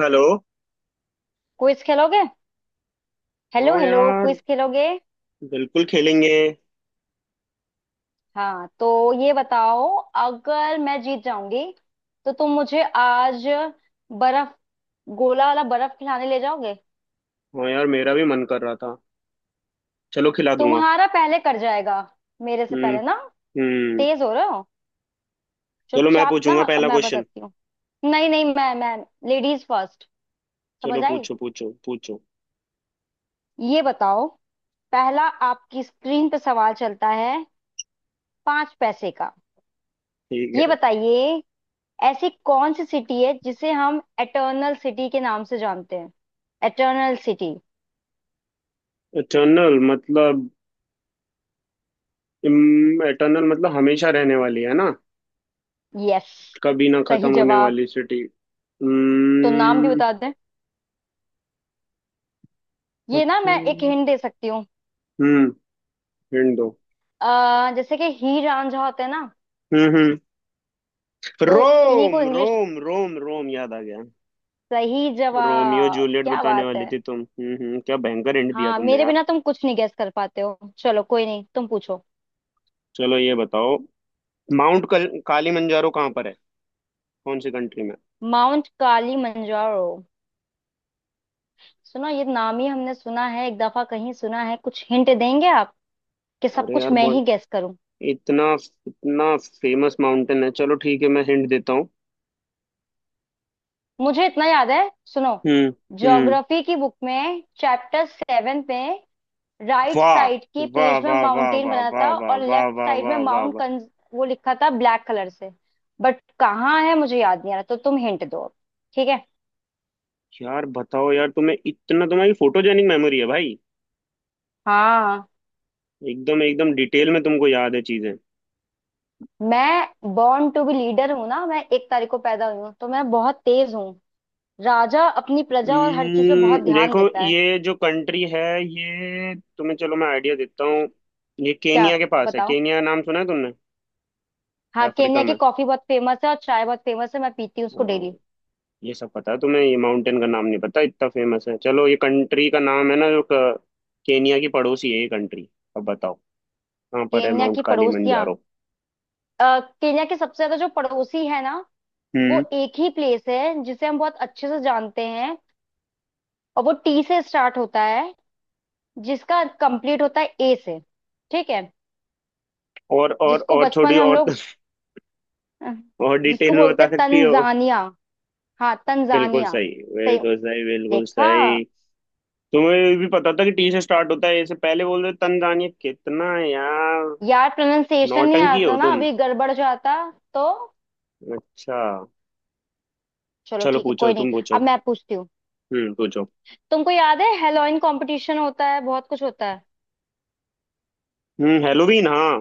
Hello. Quiz खेलोगे? Hello, हाँ hello, यार, क्विज खेलोगे? बिल्कुल खेलेंगे। हाँ, तो ये बताओ, अगर मैं जीत जाऊंगी तो तुम मुझे आज बर्फ गोला वाला बर्फ खिलाने ले जाओगे। हाँ यार, मेरा भी मन कर रहा था। चलो, खिला दूंगा। तुम्हारा पहले कर जाएगा मेरे से हम्म, पहले ना। हम्म। तेज हो रहे हो, चलो, मैं चुपचाप ना, पूछूंगा अब पहला मैं क्वेश्चन। बताती हूँ। नहीं नहीं, मैं लेडीज फर्स्ट। समझ चलो, आई? पूछो पूछो पूछो। ये बताओ, पहला। आपकी स्क्रीन पे सवाल चलता है 5 पैसे का। ठीक ये है। बताइए, ऐसी कौन सी सिटी है जिसे हम एटर्नल सिटी के नाम से जानते हैं? Eternal city. एटर्नल मतलब एटर्नल मतलब हमेशा रहने वाली है ना। यस, कभी ना सही खत्म होने जवाब। वाली सिटी। तो नाम भी हम्म। बता दें? ये ना, सबसे मैं एक हिंट दे सकती हूँ। हम्म, हिंट दो। जैसे कि ही रांझा होता है ना, हम्म, हम्म। तो इन्हीं रोम, को इंग्लिश। रोम, रोम, रोम याद आ गया। सही रोमियो जवाब, जूलियट क्या बताने बात वाली है। थी तुम। हम्म, हम्म। क्या भयंकर हिंट दिया हाँ, तुमने। मेरे बिना तुम कुछ नहीं गैस कर पाते हो। चलो कोई नहीं, तुम पूछो। चलो, ये बताओ। माउंट काली मंजारो कहाँ पर है? कौन सी कंट्री में? माउंट काली मंजारो, सुनो ये नाम ही हमने सुना है, एक दफा कहीं सुना है। कुछ हिंट देंगे आप, कि सब अरे कुछ यार, मैं ही बहुत गैस करूं? इतना इतना फेमस माउंटेन है। चलो ठीक है, मैं हिंट देता हूँ। मुझे इतना याद है, सुनो। हम्म, हम्म। ज्योग्राफी की बुक में चैप्टर 7 में, राइट वाह, साइड के वाह, पेज में वाह, वाह, माउंटेन वाह, बना वाह, था वाह, और वाह, लेफ्ट वाह, साइड में वाह, वाह, माउंट वाह। कंज। वो लिखा था ब्लैक कलर से। बट कहाँ है मुझे याद नहीं आ रहा, तो तुम हिंट दो अब। ठीक है। यार, बताओ यार, तुम्हें इतना तुम्हारी फोटोजेनिक मेमोरी है भाई। हाँ, एकदम एकदम डिटेल में तुमको याद है चीजें। मैं बॉर्न टू बी लीडर हूँ ना, मैं 1 तारीख को पैदा हुई हूँ, तो मैं बहुत तेज हूँ। राजा अपनी प्रजा और हर चीज पे बहुत ध्यान देखो, देता है। ये जो कंट्री है, ये तुम्हें चलो, मैं आइडिया देता हूँ। ये क्या? केनिया के पास है। बताओ। केनिया नाम सुना है तुमने? हाँ, अफ्रीका केन्या की में। कॉफी बहुत फेमस है और चाय बहुत फेमस है, मैं पीती हूँ उसको हाँ। डेली। ये सब पता है तुम्हें, ये माउंटेन का नाम नहीं पता, इतना फेमस है। चलो, ये कंट्री का नाम है ना केनिया की पड़ोसी है ये कंट्री। अब बताओ, कहाँ पर है केन्या माउंट की पड़ोसियाँ। कालीमंजारो? केन्या के सबसे ज्यादा जो पड़ोसी है ना, वो हम्म। एक ही प्लेस है जिसे हम बहुत अच्छे से जानते हैं। और वो टी से स्टार्ट होता है, जिसका कंप्लीट होता है ए से। ठीक है? और और जिसको और बचपन थोड़ी में हम और लोग, अ, और डिटेल जिसको में बोलते बता हैं सकती हो? तंजानिया। हाँ, बिल्कुल तंजानिया। सही, सही। बिल्कुल सही, बिल्कुल देखा? सही। तुम्हें भी पता था कि टी से स्टार्ट होता है, इससे पहले बोल रहे तंजानिया, कितना है यार। यार, प्रोनाउंसिएशन नहीं नौटंकी हो आता ना, तुम। अभी गड़बड़ जाता। तो अच्छा। चलो चलो, ठीक है, पूछो कोई नहीं, तुम, पूछो। अब मैं पूछती हूँ। हम्म, पूछो। तुमको याद है, हेलोइन कंपटीशन होता है, बहुत कुछ होता है। हम्म, हेलोवीन, हाँ,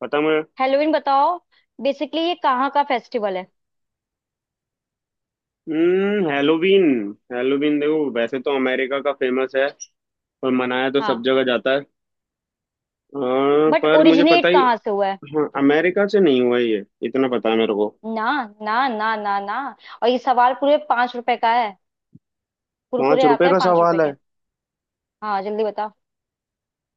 पता मुझे। हेलोइन बताओ, बेसिकली ये कहाँ का फेस्टिवल है? हम्म, हेलोवीन। हेलोवीन देखो, वैसे तो अमेरिका का फेमस है, और मनाया तो सब हाँ, जगह जाता है। हाँ, बट पर मुझे पता ओरिजिनेट ही। कहाँ से हुआ है? हाँ, अमेरिका से नहीं हुआ ये, इतना पता है मेरे को। ना। ना, ना, ना, ना। और ये सवाल पूरे 5 रुपए का है। पाँच कुरकुरे रुपए आते हैं का 5 रुपए सवाल के। है? हाँ, जल्दी बताओ।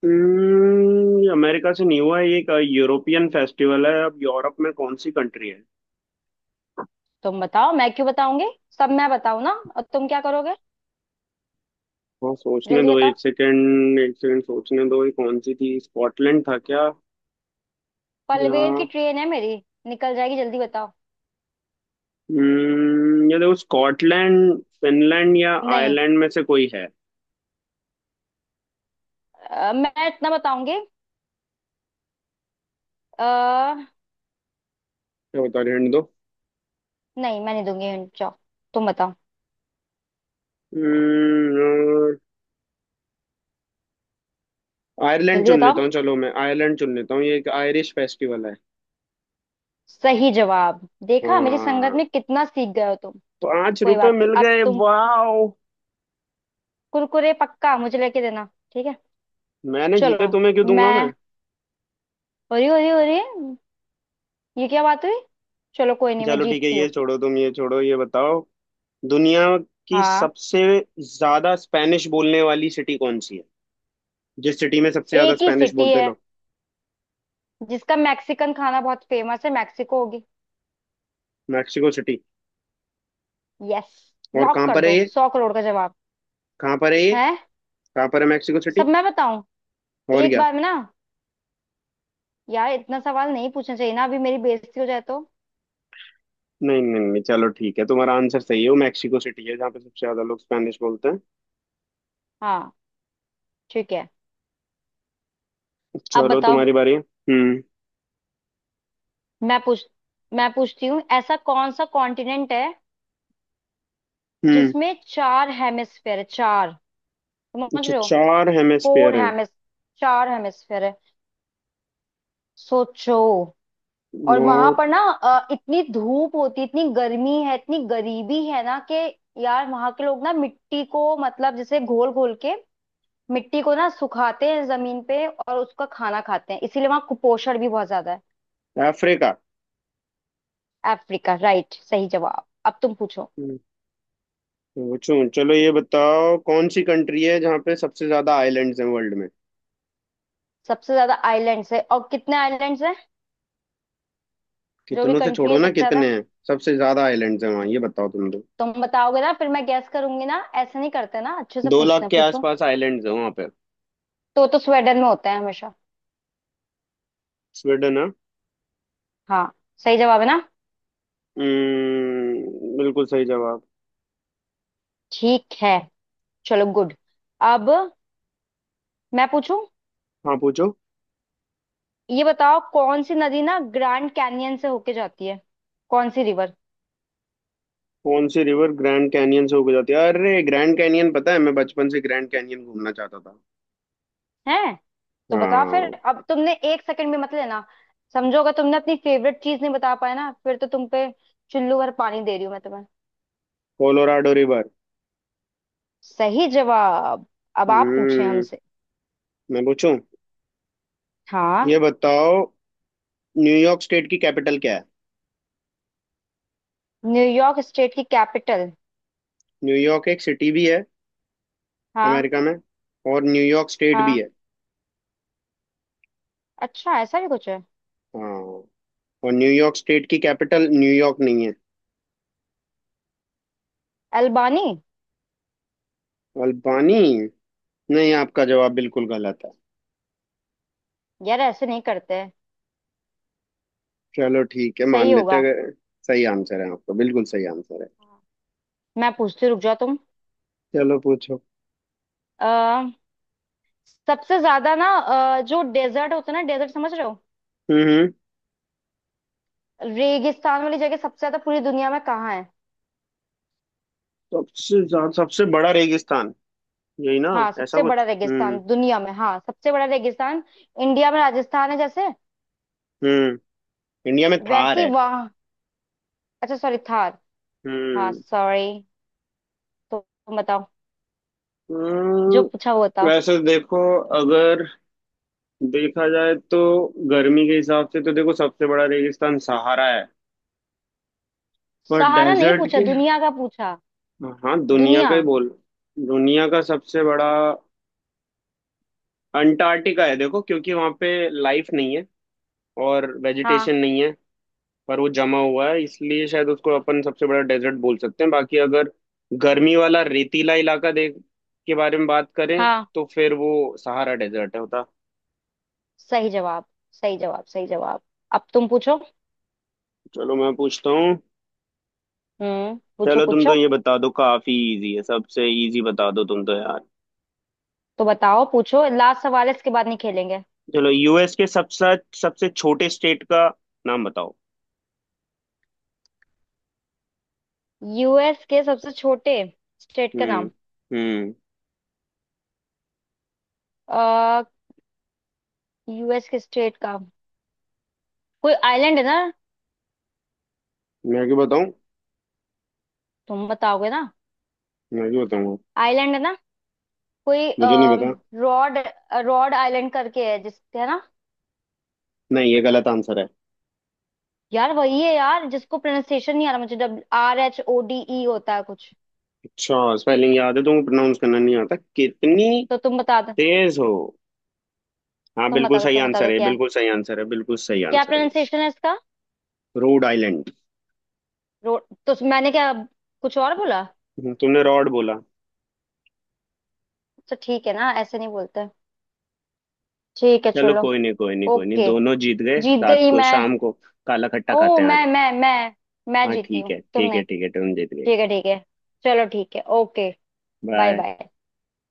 हम्म, ये अमेरिका से नहीं हुआ है, ये एक यूरोपियन फेस्टिवल है। अब यूरोप में कौन सी कंट्री है? तुम बताओ, मैं क्यों बताऊंगी? सब मैं बताऊं ना, और तुम क्या करोगे? हाँ, सोचने जल्दी दो, बताओ, एक सेकेंड, एक सेकेंड, सोचने दो। ये कौन सी थी, स्कॉटलैंड था क्या? या? पलवेर की ट्रेन है मेरी, निकल जाएगी, जल्दी बताओ। हम्म, ये देखो, स्कॉटलैंड, फिनलैंड या नहीं। आयरलैंड में से कोई है। मैं इतना बताऊंगी। आ, क्या बता रहे हैं? नहीं, मैं नहीं दूंगी hint, जाओ। तुम बताओ। हम्म, आयरलैंड जल्दी चुन बताओ। लेता हूँ, चलो मैं आयरलैंड चुन लेता हूँ, ये एक आयरिश फेस्टिवल है। सही जवाब। देखा, मेरी संगत हाँ, में कितना सीख गए हो तुम। पांच कोई रुपए बात नहीं, मिल अब गए, तुम वाओ। कुरकुरे पक्का मुझे लेके देना, ठीक है? मैंने जीते, चलो, तुम्हें क्यों दूंगा मैं? मैं, हो रही है, ये क्या बात हुई। चलो कोई नहीं, मैं चलो, ठीक है, जीतती ये हूँ। छोड़ो तुम, ये छोड़ो, ये बताओ। दुनिया की हाँ, सबसे ज्यादा स्पेनिश बोलने वाली सिटी कौन सी है? जिस सिटी में सबसे ज्यादा एक ही स्पेनिश सिटी बोलते है लोग। जिसका मैक्सिकन खाना बहुत फेमस है, मैक्सिको होगी। Mexico city. यस। और लॉक कहाँ कर पर है दो, ये? 100 करोड़ का जवाब कहाँ पर है ये? है। कहाँ पर है मैक्सिको सब सिटी? मैं बताऊं? और एक क्या? बार में ना। यार, इतना सवाल नहीं पूछना चाहिए ना, अभी मेरी बेइज्जती हो जाए तो। नहीं, नहीं, नहीं, चलो ठीक है, तुम्हारा आंसर सही है, वो मैक्सिको सिटी है जहाँ पे सबसे ज्यादा लोग स्पेनिश बोलते हैं। हाँ, ठीक है। अब चलो, बताओ, तुम्हारी बारी। हम्म। मैं पूछ मैं पूछती हूँ, ऐसा कौन सा कॉन्टिनेंट है हम्म, जिसमें 4 हेमिस्फेयर है? चार, समझ अच्छा, रहे हो? चार फोर हेमिस्फीयर हैं? हेमिस, 4 हेमिस्फेयर है। सोचो। और वहां नॉर्थ। पर ना, इतनी धूप होती, इतनी गर्मी है, इतनी गरीबी है ना, कि यार वहां के लोग ना मिट्टी को, मतलब जैसे घोल घोल के, मिट्टी को ना सुखाते हैं जमीन पे और उसका खाना खाते हैं, इसीलिए वहां कुपोषण भी बहुत ज्यादा है। अफ्रीका। अफ्रीका, राइट, सही जवाब। अब तुम पूछो। हम्म, पूछूं, चलो ये बताओ, कौन सी कंट्री है जहाँ पे सबसे ज्यादा आइलैंड्स हैं वर्ल्ड में? सबसे ज्यादा आइलैंड्स है, और कितने आइलैंड्स हैं? जो भी कितनों से कंट्री छोड़ो है ना, सबसे ज्यादा। कितने हैं? सबसे ज्यादा आइलैंड्स हैं वहाँ, ये बताओ तुम तो। तुम बताओगे ना, फिर मैं गैस करूंगी ना। ऐसे नहीं करते ना, अच्छे से दो पूछते लाख हैं, के पूछो। आसपास आइलैंड्स हैं वहाँ पे। तो स्वेडन में होता है हमेशा। स्वीडन है। हाँ। सही जवाब है ना? हम्म, बिल्कुल सही जवाब। ठीक है, चलो गुड। अब मैं पूछूं। हाँ, पूछो। ये बताओ, कौन सी नदी ना ग्रैंड कैनियन से होके जाती है? कौन सी रिवर? कौन सी रिवर ग्रैंड कैनियन से होकर जाती है? अरे, ग्रैंड कैनियन पता है, मैं बचपन से ग्रैंड कैनियन घूमना चाहता था। है। तो बताओ फिर। हाँ। अब तुमने एक सेकंड भी मत लेना, समझो। अगर तुमने अपनी फेवरेट चीज नहीं बता पाया ना, फिर तो तुम पे चुल्लू भर पानी दे रही हूं मैं तुम्हें। Colorado River. सही जवाब। अब आप पूछे हम्म, हमसे। मैं पूछूं? हाँ। ये बताओ, न्यूयॉर्क स्टेट की कैपिटल क्या है? न्यूयॉर्क स्टेट की कैपिटल। न्यूयॉर्क एक सिटी भी है हाँ। अमेरिका में, और न्यूयॉर्क स्टेट भी हाँ, है। अच्छा, ऐसा भी कुछ है। हाँ। और न्यूयॉर्क स्टेट की कैपिटल न्यूयॉर्क नहीं है। अल्बानी। अल्बानी? नहीं, आपका जवाब बिल्कुल गलत है। यार, ऐसे नहीं करते हैं। चलो ठीक है, मान सही लेते हैं, होगा। अगर- सही आंसर है आपका, बिल्कुल सही आंसर है। मैं पूछती हूँ, रुक जाओ। चलो, पूछो। तुम। सबसे ज्यादा ना, जो डेजर्ट होता है ना, डेजर्ट समझ रहे हो? हम्म, हम्म। रेगिस्तान वाली जगह सबसे ज्यादा पूरी दुनिया में कहाँ है? सबसे बड़ा रेगिस्तान, यही ना? हाँ, ऐसा सबसे बड़ा कुछ। रेगिस्तान हम्म। दुनिया में, हाँ, सबसे बड़ा रेगिस्तान। इंडिया में राजस्थान है जैसे। हम्म, इंडिया में थार वैसी है। वहां। अच्छा सॉरी, थार। हाँ, हम्म। सॉरी। तो तुम बताओ, हम्म, जो पूछा हुआ था। वैसे देखो, अगर देखा जाए तो गर्मी के हिसाब से तो देखो, सबसे बड़ा रेगिस्तान सहारा है। पर सहारा नहीं डेजर्ट पूछा, के, दुनिया का पूछा। हाँ, दुनिया दुनिया। का ही बोल। दुनिया का सबसे बड़ा अंटार्कटिका है देखो, क्योंकि वहां पे लाइफ नहीं है और हाँ। वेजिटेशन नहीं है। पर वो जमा हुआ है इसलिए शायद उसको अपन सबसे बड़ा डेजर्ट बोल सकते हैं, बाकी अगर गर्मी वाला रेतीला इलाका देख के बारे में बात करें, हाँ, तो फिर वो सहारा डेजर्ट है होता। सही जवाब, सही जवाब, सही जवाब। अब तुम पूछो। चलो, मैं पूछता हूँ। हम्म, पूछो चलो, तुम तो पूछो। ये बता दो, काफी इजी है, सबसे इजी बता दो तुम तो यार। तो बताओ, पूछो, लास्ट सवाल है, इसके बाद नहीं खेलेंगे। चलो, यूएस के सबसे सबसे छोटे स्टेट का नाम बताओ। यूएस के सबसे छोटे स्टेट का हम्म, नाम। हम्म। आ, यूएस के स्टेट का। कोई आइलैंड है ना। मैं क्यों बताऊं? तुम बताओगे ना। मैं क्यों बताऊंगा? आइलैंड है ना, कोई। मुझे नहीं पता। रॉड। रॉड आइलैंड करके है, जिस है ना। नहीं, ये गलत आंसर है। यार, वही है यार, जिसको प्रोनाउंसिएशन नहीं आ रहा मुझे, WRHODE होता है कुछ। अच्छा, स्पेलिंग याद है तुमको, प्रोनाउंस करना नहीं आता, कितनी तो तुम बता दो, तेज हो। हाँ, तुम बिल्कुल बता दो, सही तुम बता आंसर दो, है, क्या है, बिल्कुल सही आंसर है, बिल्कुल सही क्या आंसर है। प्रोनाउंसिएशन है इसका? Rhode Island. रो, तो मैंने क्या कुछ और बोला? तुमने रॉड बोला। अच्छा ठीक है ना, ऐसे नहीं बोलते। ठीक है, चलो, चलो, कोई नहीं, कोई नहीं, कोई नहीं, ओके। दोनों जीत गए। जीत रात गई को मैं। शाम को काला खट्टा ओ, खाते हैं आज। मैं हाँ जीती ठीक हूँ, है, तुम ठीक है, नहीं। ठीक है, तुम जीत गई। ठीक है, ठीक है। चलो, ठीक है, ओके। Bye, bye. बाय।